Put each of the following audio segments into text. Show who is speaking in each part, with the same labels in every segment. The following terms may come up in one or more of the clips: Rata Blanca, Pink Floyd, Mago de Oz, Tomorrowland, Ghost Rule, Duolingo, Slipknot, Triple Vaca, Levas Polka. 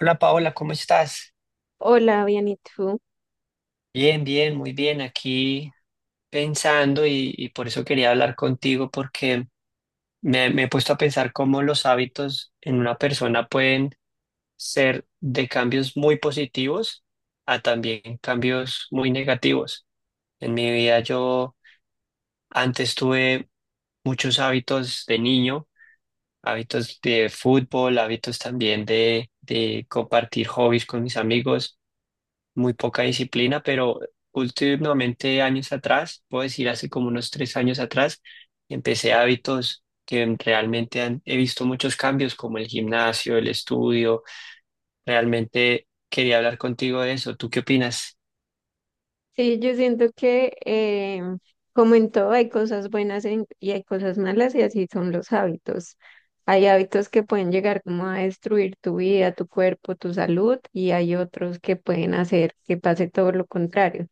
Speaker 1: Hola Paola, ¿cómo estás?
Speaker 2: Hola, bien, ¿y tú?
Speaker 1: Bien, bien, muy bien. Aquí pensando y por eso quería hablar contigo porque me he puesto a pensar cómo los hábitos en una persona pueden ser de cambios muy positivos a también cambios muy negativos. En mi vida yo antes tuve muchos hábitos de niño, hábitos de fútbol, hábitos también de compartir hobbies con mis amigos. Muy poca disciplina, pero últimamente años atrás, puedo decir hace como unos tres años atrás, empecé hábitos que realmente he visto muchos cambios, como el gimnasio, el estudio. Realmente quería hablar contigo de eso. ¿Tú qué opinas?
Speaker 2: Sí, yo siento que como en todo hay cosas buenas y hay cosas malas y así son los hábitos. Hay hábitos que pueden llegar como a destruir tu vida, tu cuerpo, tu salud y hay otros que pueden hacer que pase todo lo contrario.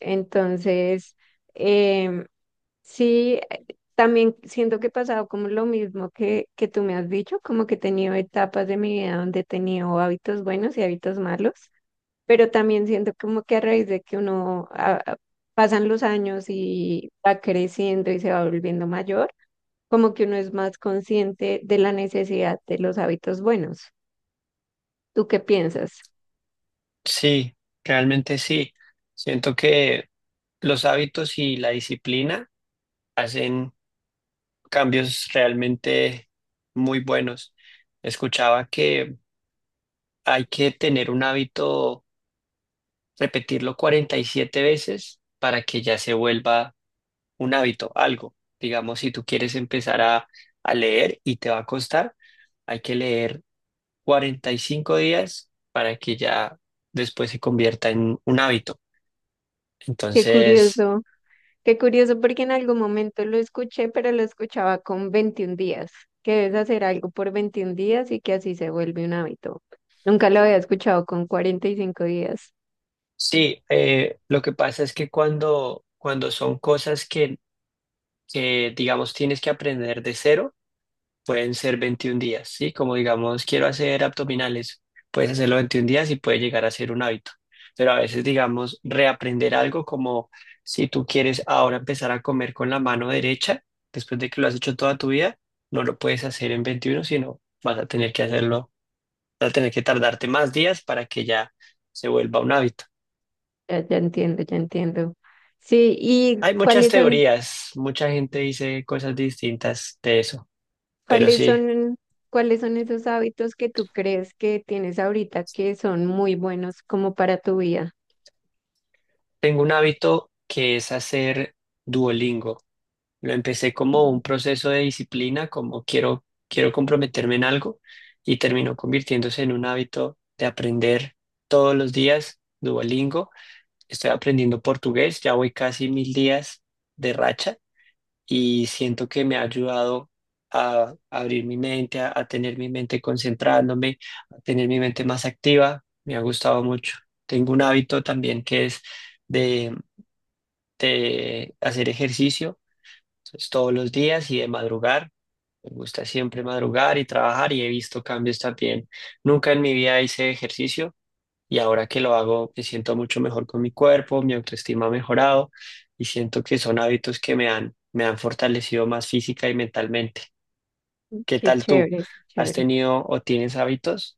Speaker 2: Entonces, em, sí, también siento que he pasado como lo mismo que tú me has dicho, como que he tenido etapas de mi vida donde he tenido hábitos buenos y hábitos malos. Pero también siento como que a raíz de que uno pasan los años y va creciendo y se va volviendo mayor, como que uno es más consciente de la necesidad de los hábitos buenos. ¿Tú qué piensas?
Speaker 1: Sí, realmente sí. Siento que los hábitos y la disciplina hacen cambios realmente muy buenos. Escuchaba que hay que tener un hábito, repetirlo 47 veces para que ya se vuelva un hábito, algo. Digamos, si tú quieres empezar a leer y te va a costar, hay que leer 45 días para que ya después se convierta en un hábito.
Speaker 2: Qué
Speaker 1: Entonces,
Speaker 2: curioso, qué curioso porque en algún momento lo escuché, pero lo escuchaba con 21 días, que debes hacer algo por 21 días y que así se vuelve un hábito. Nunca lo había escuchado con 45 días.
Speaker 1: sí, lo que pasa es que cuando son cosas que, digamos, tienes que aprender de cero. Pueden ser 21 días, ¿sí? Como digamos, quiero hacer abdominales, puedes hacerlo 21 días y puede llegar a ser un hábito. Pero a veces, digamos, reaprender algo como si tú quieres ahora empezar a comer con la mano derecha, después de que lo has hecho toda tu vida, no lo puedes hacer en 21, sino vas a tener que hacerlo, vas a tener que tardarte más días para que ya se vuelva un hábito.
Speaker 2: Ya, ya entiendo, ya entiendo. Sí, ¿y
Speaker 1: Hay muchas
Speaker 2: cuáles son
Speaker 1: teorías, mucha gente dice cosas distintas de eso, pero
Speaker 2: ¿Cuáles
Speaker 1: sí,
Speaker 2: son, cuáles son esos hábitos que tú crees que tienes ahorita que son muy buenos como para tu vida?
Speaker 1: tengo un hábito que es hacer Duolingo. Lo empecé como
Speaker 2: Ujú.
Speaker 1: un proceso de disciplina, como quiero comprometerme en algo y terminó convirtiéndose en un hábito de aprender todos los días Duolingo. Estoy aprendiendo portugués, ya voy casi 1000 días de racha y siento que me ha ayudado a abrir mi mente, a tener mi mente concentrándome, a tener mi mente más activa. Me ha gustado mucho. Tengo un hábito también que es de de hacer ejercicio entonces, todos los días y de madrugar. Me gusta siempre madrugar y trabajar y he visto cambios también. Nunca en mi vida hice ejercicio y ahora que lo hago me siento mucho mejor con mi cuerpo, mi autoestima ha mejorado y siento que son hábitos que me han fortalecido más física y mentalmente. ¿Qué
Speaker 2: Qué
Speaker 1: tal tú?
Speaker 2: chévere, qué
Speaker 1: ¿Has
Speaker 2: chévere.
Speaker 1: tenido o tienes hábitos?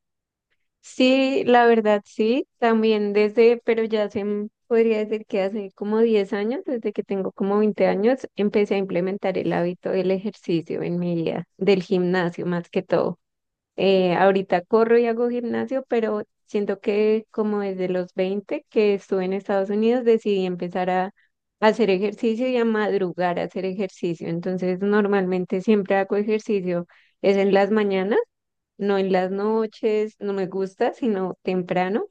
Speaker 2: Sí, la verdad sí, también desde, pero ya hace, podría decir que hace como 10 años, desde que tengo como 20 años, empecé a implementar el hábito del ejercicio en mi vida, del gimnasio más que todo. Ahorita corro y hago gimnasio, pero siento que como desde los 20 que estuve en Estados Unidos decidí empezar a hacer ejercicio y a madrugar a hacer ejercicio. Entonces normalmente siempre hago ejercicio, es en las mañanas, no en las noches, no me gusta, sino temprano.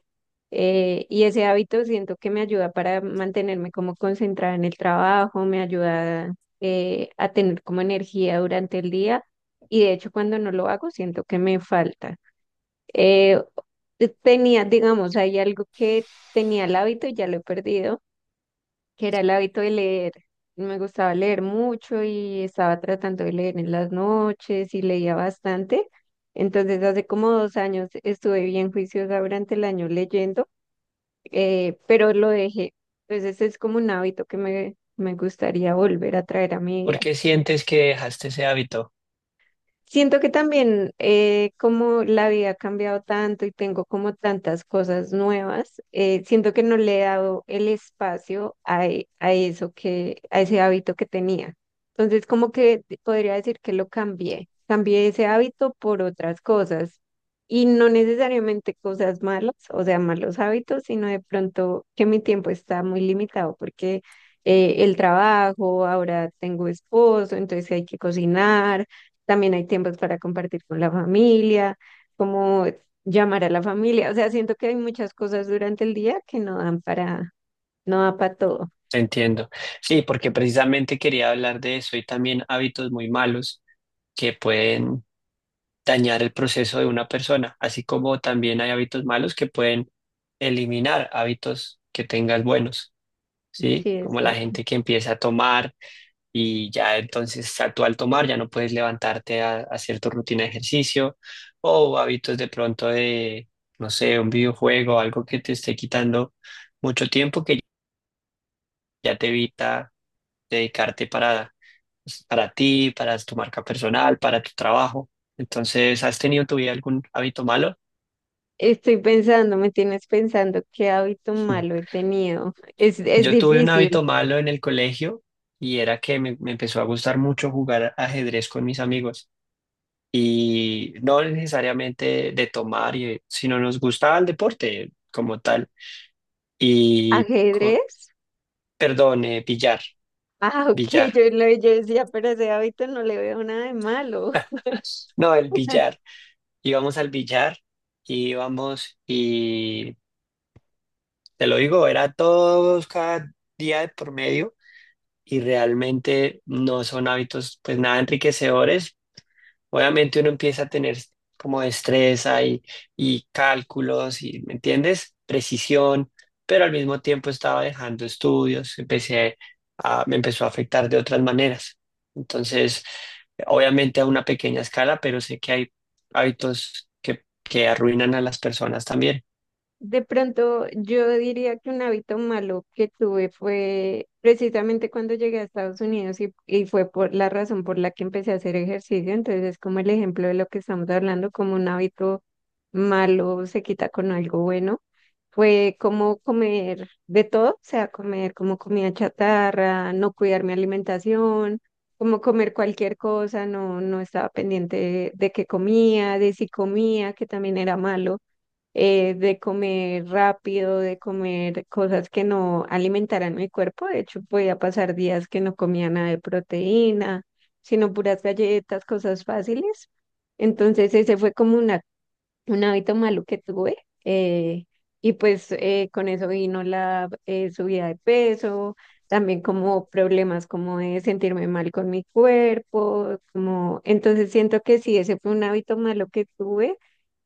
Speaker 2: Y ese hábito siento que me ayuda para mantenerme como concentrada en el trabajo, me ayuda a tener como energía durante el día y de hecho cuando no lo hago siento que me falta. Eh, tenía, digamos, hay algo que tenía el hábito y ya lo he perdido, que era el hábito de leer. Me gustaba leer mucho y estaba tratando de leer en las noches y leía bastante. Entonces hace como 2 años estuve bien juiciosa durante el año leyendo, pero lo dejé. Entonces es como un hábito me gustaría volver a traer a mi
Speaker 1: ¿Por
Speaker 2: vida.
Speaker 1: qué sientes que dejaste ese hábito?
Speaker 2: Siento que también como la vida ha cambiado tanto y tengo como tantas cosas nuevas, siento que no le he dado el espacio a eso que, a ese hábito que tenía. Entonces, como podría decir que lo cambié. Cambié ese hábito por otras cosas y no necesariamente cosas malas, o sea, malos hábitos, sino de pronto que mi tiempo está muy limitado porque el trabajo, ahora tengo esposo, entonces hay que cocinar, también hay tiempos para compartir con la familia, como llamar a la familia. O sea, siento que hay muchas cosas durante el día que no dan no da para todo.
Speaker 1: Te entiendo. Sí, porque precisamente quería hablar de eso y también hábitos muy malos que pueden dañar el proceso de una persona, así como también hay hábitos malos que pueden eliminar hábitos que tengas buenos, ¿sí?
Speaker 2: Sí, es
Speaker 1: Como la
Speaker 2: cierto.
Speaker 1: gente que empieza a tomar y ya entonces tú al tomar ya no puedes levantarte a hacer tu rutina de ejercicio o hábitos de pronto de, no sé, un videojuego, algo que te esté quitando mucho tiempo que ya te evita dedicarte para, pues, para ti, para tu marca personal, para tu trabajo. Entonces, ¿has tenido en tu vida algún hábito malo?
Speaker 2: Estoy pensando, me tienes pensando qué hábito malo he tenido. Es
Speaker 1: Yo tuve un
Speaker 2: difícil.
Speaker 1: hábito malo en el colegio y era que me empezó a gustar mucho jugar ajedrez con mis amigos y no necesariamente de tomar, sino nos gustaba el deporte como tal y,
Speaker 2: ¿Ajedrez?
Speaker 1: billar,
Speaker 2: Ah, ok,
Speaker 1: billar,
Speaker 2: yo decía, pero ese hábito no le veo nada de malo.
Speaker 1: no, el billar. Íbamos al billar y íbamos y, te lo digo, era todos cada día de por medio y realmente no son hábitos pues nada enriquecedores. Obviamente uno empieza a tener como destreza y cálculos y, ¿me entiendes? Precisión, pero al mismo tiempo estaba dejando estudios, empecé a, me empezó a afectar de otras maneras. Entonces, obviamente a una pequeña escala, pero sé que hay hábitos que arruinan a las personas también.
Speaker 2: De pronto, yo diría que un hábito malo que tuve fue precisamente cuando llegué a Estados Unidos y fue por la razón por la que empecé a hacer ejercicio. Entonces, es como el ejemplo de lo que estamos hablando, como un hábito malo se quita con algo bueno. Fue como comer de todo, o sea, comer como comida chatarra, no cuidar mi alimentación, como comer cualquier cosa, no, no estaba pendiente de qué comía, de si comía, que también era malo, de comer rápido, de comer cosas que no alimentaran mi cuerpo. De hecho, podía pasar días que no comía nada de proteína, sino puras galletas, cosas fáciles. Entonces, ese fue como una, un hábito malo que tuve. eh, y pues con eso vino la subida de peso, también como problemas como de sentirme mal con mi cuerpo, como entonces siento que sí, ese fue un hábito malo que tuve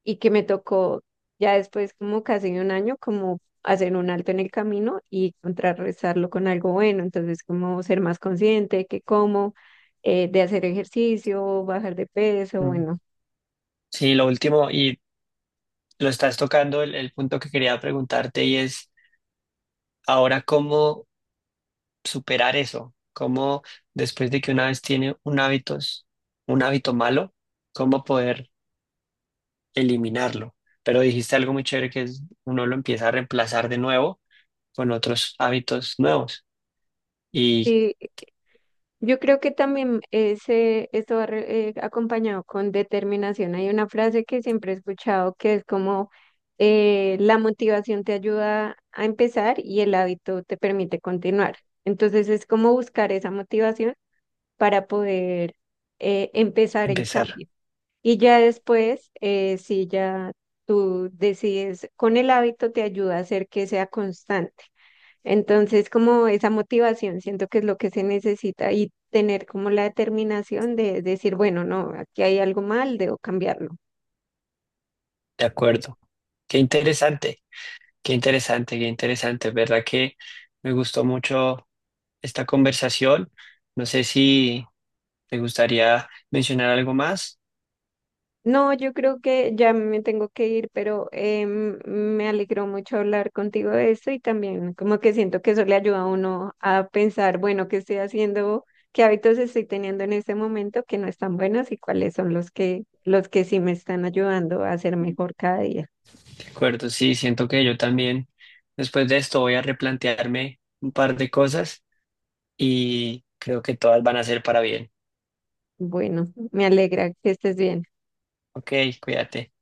Speaker 2: y que me tocó ya después como casi de un año como hacer un alto en el camino y contrarrestarlo con algo bueno, entonces como ser más consciente de qué como, de hacer ejercicio, bajar de peso,
Speaker 1: Mm.
Speaker 2: bueno.
Speaker 1: Sí, lo último, y lo estás tocando, el punto que quería preguntarte y es, ¿ahora cómo superar eso? ¿Cómo después de que una vez tiene un hábito malo, cómo poder eliminarlo? Pero dijiste algo muy chévere que es uno lo empieza a reemplazar de nuevo con otros hábitos nuevos y
Speaker 2: Sí, yo creo que también ese, esto va acompañado con determinación. Hay una frase que siempre he escuchado que es como la motivación te ayuda a empezar y el hábito te permite continuar. Entonces es como buscar esa motivación para poder empezar el
Speaker 1: empezar.
Speaker 2: cambio. Y ya después, si ya tú decides con el hábito, te ayuda a hacer que sea constante. Entonces, como esa motivación, siento que es lo que se necesita y tener como la determinación de decir, bueno, no, aquí hay algo mal, debo cambiarlo.
Speaker 1: De acuerdo. Qué interesante, qué interesante, qué interesante. ¿Verdad que me gustó mucho esta conversación? No sé si te gustaría mencionar algo más.
Speaker 2: No, yo creo que ya me tengo que ir, pero me alegró mucho hablar contigo de esto y también como que siento que eso le ayuda a uno a pensar, bueno, qué estoy haciendo, qué hábitos estoy teniendo en este momento que no están buenos y cuáles son los que sí me están ayudando a ser mejor cada día.
Speaker 1: Acuerdo, sí, siento que yo también después de esto voy a replantearme un par de cosas y creo que todas van a ser para bien.
Speaker 2: Bueno, me alegra que estés bien.
Speaker 1: Ok, cuídate.